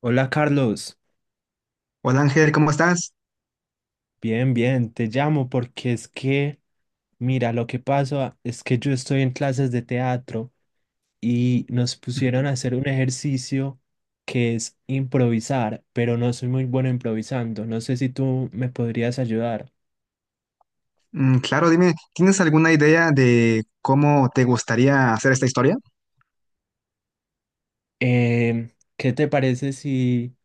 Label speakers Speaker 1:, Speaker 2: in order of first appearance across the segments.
Speaker 1: Hola Carlos,
Speaker 2: Hola Ángel, ¿cómo estás?
Speaker 1: bien, bien, te llamo porque es que, mira, lo que pasa es que yo estoy en clases de teatro y nos pusieron
Speaker 2: Ujú.
Speaker 1: a hacer un ejercicio que es improvisar, pero no soy muy bueno improvisando. No sé si tú me podrías ayudar.
Speaker 2: Mm, claro, dime, ¿tienes alguna idea de cómo te gustaría hacer esta historia?
Speaker 1: Em, ¿Qué te parece si,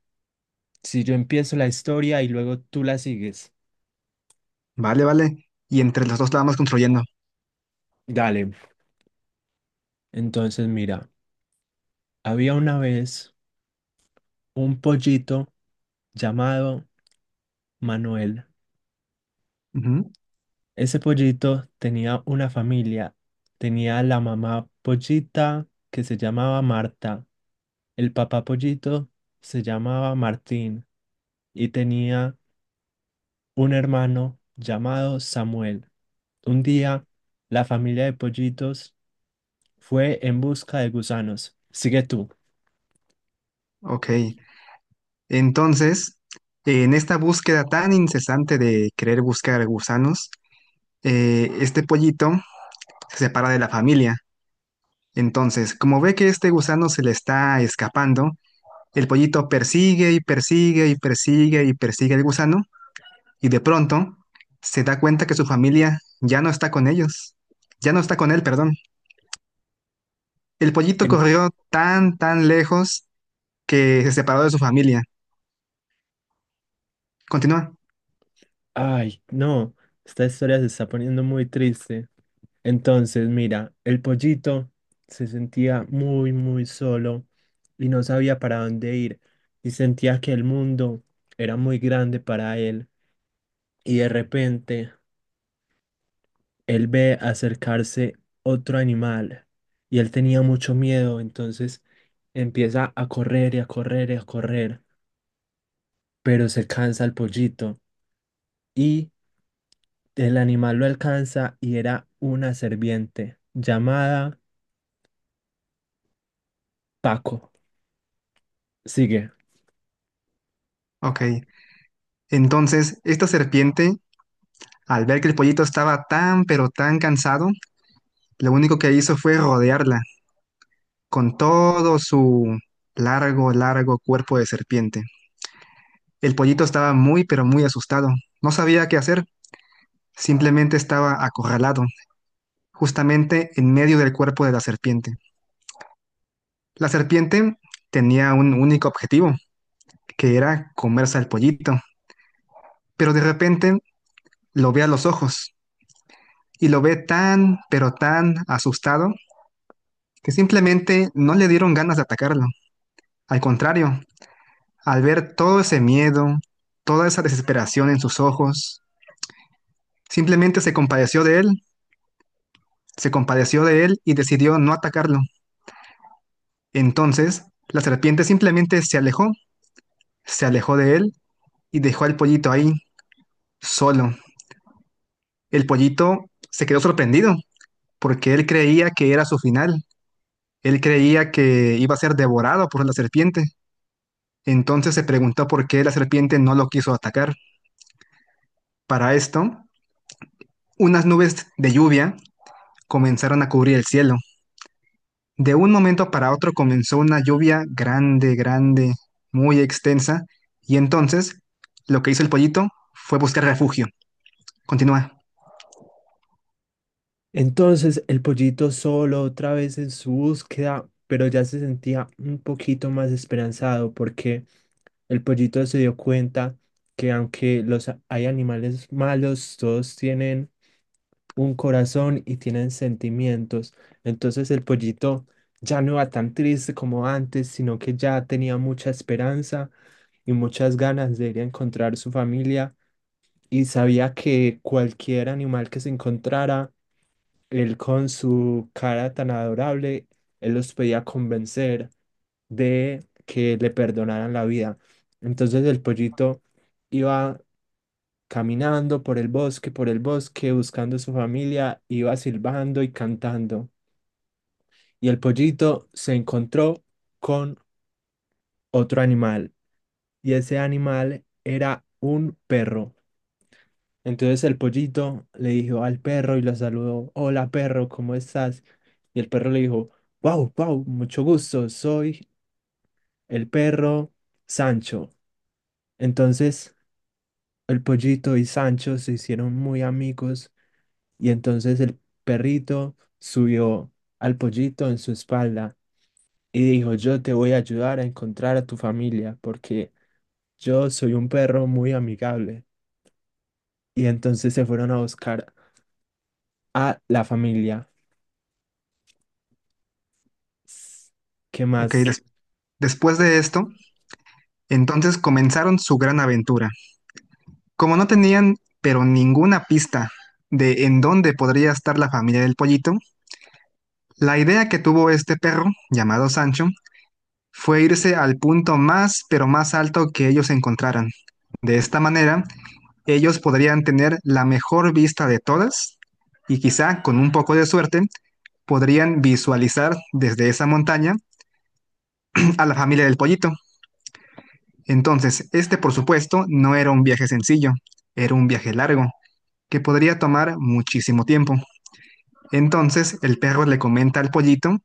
Speaker 1: si yo empiezo la historia y luego tú la sigues?
Speaker 2: Vale, vale. Y entre los dos la vamos construyendo.
Speaker 1: Dale. Entonces, mira, había una vez un pollito llamado Manuel.
Speaker 2: Ujú.
Speaker 1: Ese pollito tenía una familia. Tenía la mamá pollita que se llamaba Marta. El papá pollito se llamaba Martín y tenía un hermano llamado Samuel. Un día, la familia de pollitos fue en busca de gusanos. Sigue tú.
Speaker 2: Ok, entonces, en esta búsqueda tan incesante de querer buscar gusanos, este pollito se separa de la familia. Entonces, como ve que este gusano se le está escapando, el pollito persigue y persigue y persigue y persigue al gusano y de pronto se da cuenta que su familia ya no está con ellos, ya no está con él, perdón. El pollito
Speaker 1: En-
Speaker 2: corrió tan, tan lejos que se separó de su familia. Continúa.
Speaker 1: Ay, no, esta historia se está poniendo muy triste. Entonces, mira, el pollito se sentía muy, muy solo y no sabía para dónde ir y sentía que el mundo era muy grande para él. Y de repente, él ve acercarse otro animal y él tenía mucho miedo, entonces empieza a correr y a correr y a correr, pero se cansa el pollito y el animal lo alcanza y era una serpiente llamada Paco. Sigue.
Speaker 2: Ok, entonces, esta serpiente, al ver que el pollito estaba tan, pero tan cansado, lo único que hizo fue rodearla con todo su largo, largo cuerpo de serpiente. El pollito estaba muy, pero muy asustado. No sabía qué hacer. Simplemente estaba acorralado, justamente en medio del cuerpo de la serpiente. La serpiente tenía un único objetivo, que era comerse al pollito, pero de repente lo ve a los ojos y lo ve tan, pero tan asustado, que simplemente no le dieron ganas de atacarlo. Al contrario, al ver todo ese miedo, toda esa desesperación en sus ojos, simplemente se compadeció de él, se compadeció de él y decidió no atacarlo. Entonces, la serpiente simplemente se alejó de él y dejó al pollito ahí, solo. El pollito se quedó sorprendido porque él creía que era su final. Él creía que iba a ser devorado por la serpiente. Entonces se preguntó por qué la serpiente no lo quiso atacar. Para esto, unas nubes de lluvia comenzaron a cubrir el cielo. De un momento para otro comenzó una lluvia grande, grande, muy extensa. Y entonces lo que hizo el pollito fue buscar refugio. Continúa.
Speaker 1: Entonces el pollito solo otra vez en su búsqueda, pero ya se sentía un poquito más esperanzado porque el pollito se dio cuenta que aunque hay animales malos, todos tienen un corazón y tienen sentimientos. Entonces el pollito ya no era tan triste como antes, sino que ya tenía mucha esperanza y muchas ganas de ir a encontrar su familia y sabía que cualquier animal que se encontrara, él con su cara tan adorable, él los podía convencer de que le perdonaran la vida. Entonces el pollito iba caminando por el bosque, buscando a su familia, iba silbando y cantando. Y el pollito se encontró con otro animal, y ese animal era un perro. Entonces el pollito le dijo al perro y lo saludó: hola perro, ¿cómo estás? Y el perro le dijo: wow, wow, mucho gusto, soy el perro Sancho. Entonces el pollito y Sancho se hicieron muy amigos y entonces el perrito subió al pollito en su espalda y dijo: yo te voy a ayudar a encontrar a tu familia porque yo soy un perro muy amigable. Y entonces se fueron a buscar a la familia. S- ¿Qué
Speaker 2: Ok,
Speaker 1: más?
Speaker 2: después de esto, entonces comenzaron su gran aventura. Como no tenían, pero ninguna pista de en dónde podría estar la familia del pollito, la idea que tuvo este perro, llamado Sancho, fue irse al punto más, pero más alto que ellos encontraran. De esta manera, ellos podrían tener la mejor vista de todas y quizá con un poco de suerte podrían visualizar desde esa montaña a la familia del pollito. Entonces, este por supuesto no era un viaje sencillo, era un viaje largo, que podría tomar muchísimo tiempo. Entonces el perro le comenta al pollito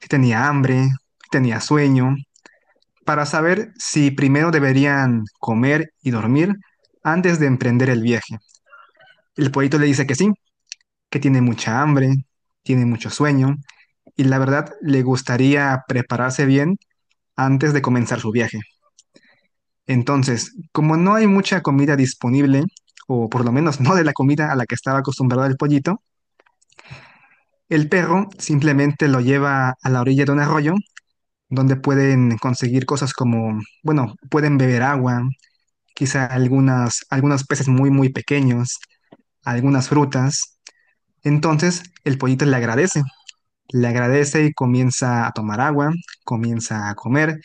Speaker 2: si tenía hambre, si tenía sueño, para saber si primero deberían comer y dormir antes de emprender el viaje. El pollito le dice que sí, que tiene mucha hambre, tiene mucho sueño y la verdad le gustaría prepararse bien antes de comenzar su viaje. Entonces, como no hay mucha comida disponible, o por lo menos no de la comida a la que estaba acostumbrado el pollito, el perro simplemente lo lleva a la orilla de un arroyo donde pueden conseguir cosas como, bueno, pueden beber agua, quizá algunas, algunos peces muy, muy pequeños, algunas frutas. Entonces el pollito le agradece y comienza a tomar agua, comienza a comer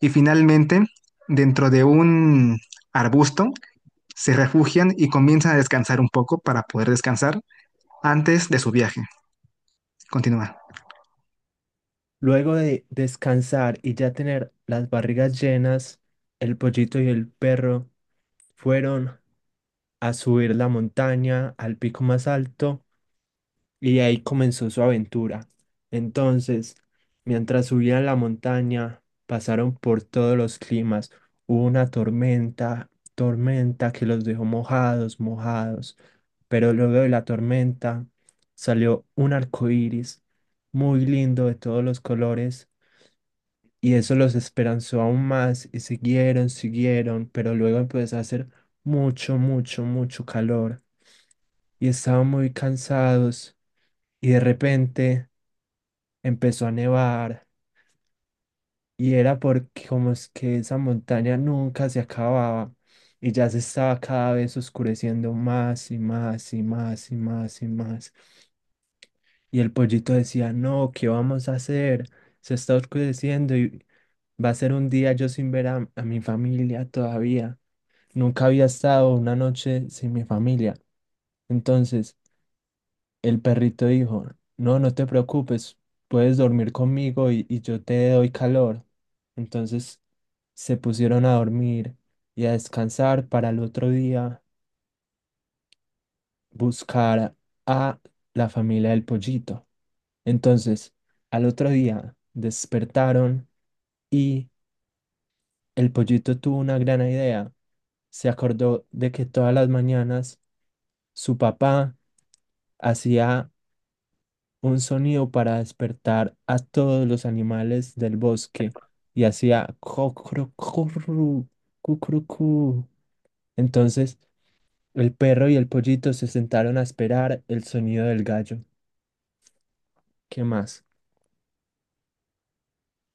Speaker 2: y finalmente dentro de un arbusto se refugian y comienzan a descansar un poco para poder descansar antes de su viaje. Continúa.
Speaker 1: Luego de descansar y ya tener las barrigas llenas, el pollito y el perro fueron a subir la montaña al pico más alto y ahí comenzó su aventura. Entonces, mientras subían la montaña, pasaron por todos los climas. Hubo una tormenta, tormenta que los dejó mojados, mojados. Pero luego de la tormenta salió un arco iris muy lindo de todos los colores. Y eso los esperanzó aún más y siguieron, siguieron, pero luego empezó a hacer mucho, mucho, mucho calor y estaban muy cansados y de repente empezó a nevar y era porque como es que esa montaña nunca se acababa y ya se estaba cada vez oscureciendo más y más y más y más y más. Y el pollito decía: no, ¿qué vamos a hacer? Se está oscureciendo y va a ser un día yo sin ver a mi familia todavía. Nunca había estado una noche sin mi familia. Entonces, el perrito dijo: no, no te preocupes, puedes dormir conmigo y yo te doy calor. Entonces se pusieron a dormir y a descansar para el otro día buscar a la familia del pollito. Entonces, al otro día despertaron y el pollito tuvo una gran idea. Se acordó de que todas las mañanas su papá hacía un sonido para despertar a todos los animales del bosque y hacía cocrocorru, cucrucú. Entonces el perro y el pollito se sentaron a esperar el sonido del gallo. ¿Qué más?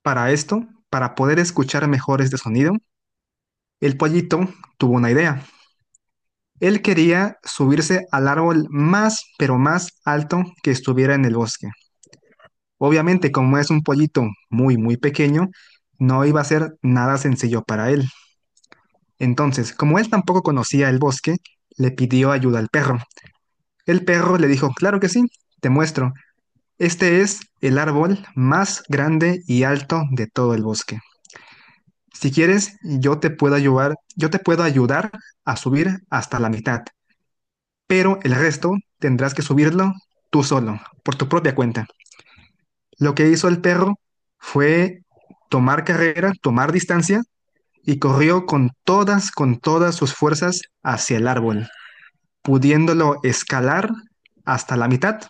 Speaker 2: Para esto, para poder escuchar mejor este sonido, el pollito tuvo una idea. Él quería subirse al árbol más, pero más alto que estuviera en el bosque. Obviamente, como es un pollito muy, muy pequeño, no iba a ser nada sencillo para él. Entonces, como él tampoco conocía el bosque, le pidió ayuda al perro. El perro le dijo, claro que sí, te muestro. Este es el árbol más grande y alto de todo el bosque. Si quieres, yo te puedo ayudar, yo te puedo ayudar a subir hasta la mitad, pero el resto tendrás que subirlo tú solo, por tu propia cuenta. Lo que hizo el perro fue tomar carrera, tomar distancia y corrió con todas sus fuerzas hacia el árbol, pudiéndolo escalar hasta la mitad.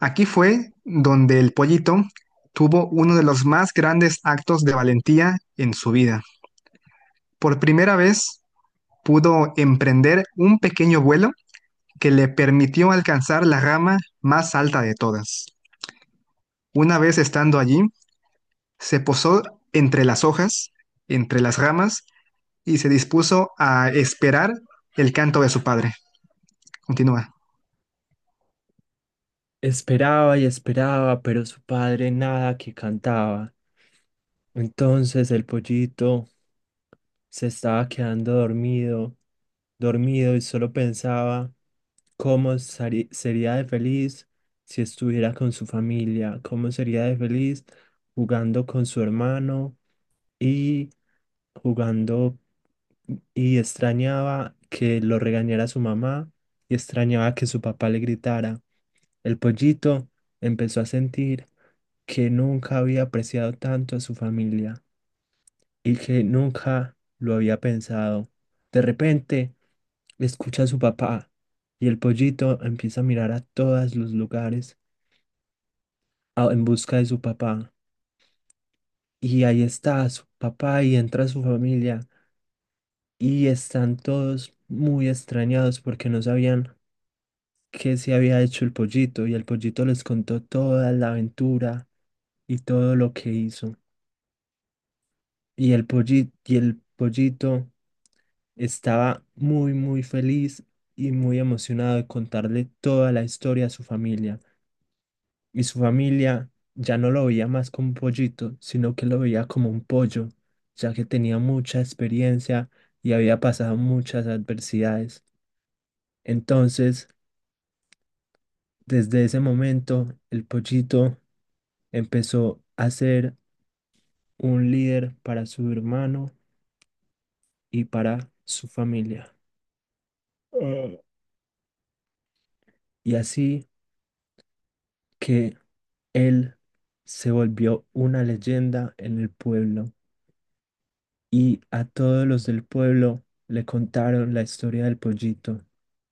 Speaker 2: Aquí fue donde el pollito tuvo uno de los más grandes actos de valentía en su vida. Por primera vez, pudo emprender un pequeño vuelo que le permitió alcanzar la rama más alta de todas. Una vez estando allí, se posó entre las hojas, entre las ramas, y se dispuso a esperar el canto de su padre. Continúa.
Speaker 1: Esperaba y esperaba, pero su padre nada que cantaba. Entonces el pollito se estaba quedando dormido, dormido y solo pensaba cómo sería de feliz si estuviera con su familia, cómo sería de feliz jugando con su hermano y jugando y extrañaba que lo regañara su mamá y extrañaba que su papá le gritara. El pollito empezó a sentir que nunca había apreciado tanto a su familia y que nunca lo había pensado. De repente, escucha a su papá y el pollito empieza a mirar a todos los lugares en busca de su papá. Y ahí está su papá y entra su familia y están todos muy extrañados porque no sabían qué se había hecho el pollito y el pollito les contó toda la aventura y todo lo que hizo. Y el pollito estaba muy, muy feliz y muy emocionado de contarle toda la historia a su familia. Y su familia ya no lo veía más como un pollito, sino que lo veía como un pollo, ya que tenía mucha experiencia y había pasado muchas adversidades. Entonces, desde ese momento, el pollito empezó a ser un líder para su hermano y para su familia. Ah. Y así que él se volvió una leyenda en el pueblo y a todos los del pueblo le contaron la historia del pollito,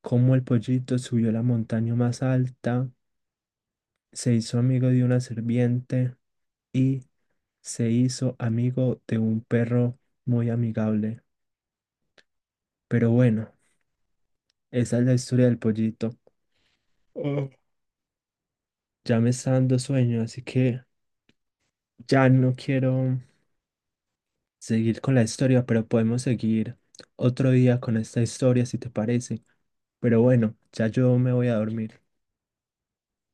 Speaker 1: cómo el pollito subió la montaña más alta, se hizo amigo de una serpiente y se hizo amigo de un perro muy amigable. Pero bueno, esa es la historia del pollito. Oh. Ya me está dando sueño, así que ya no quiero seguir con la historia, pero podemos seguir otro día con esta historia si te parece. Pero bueno, ya yo me voy a dormir.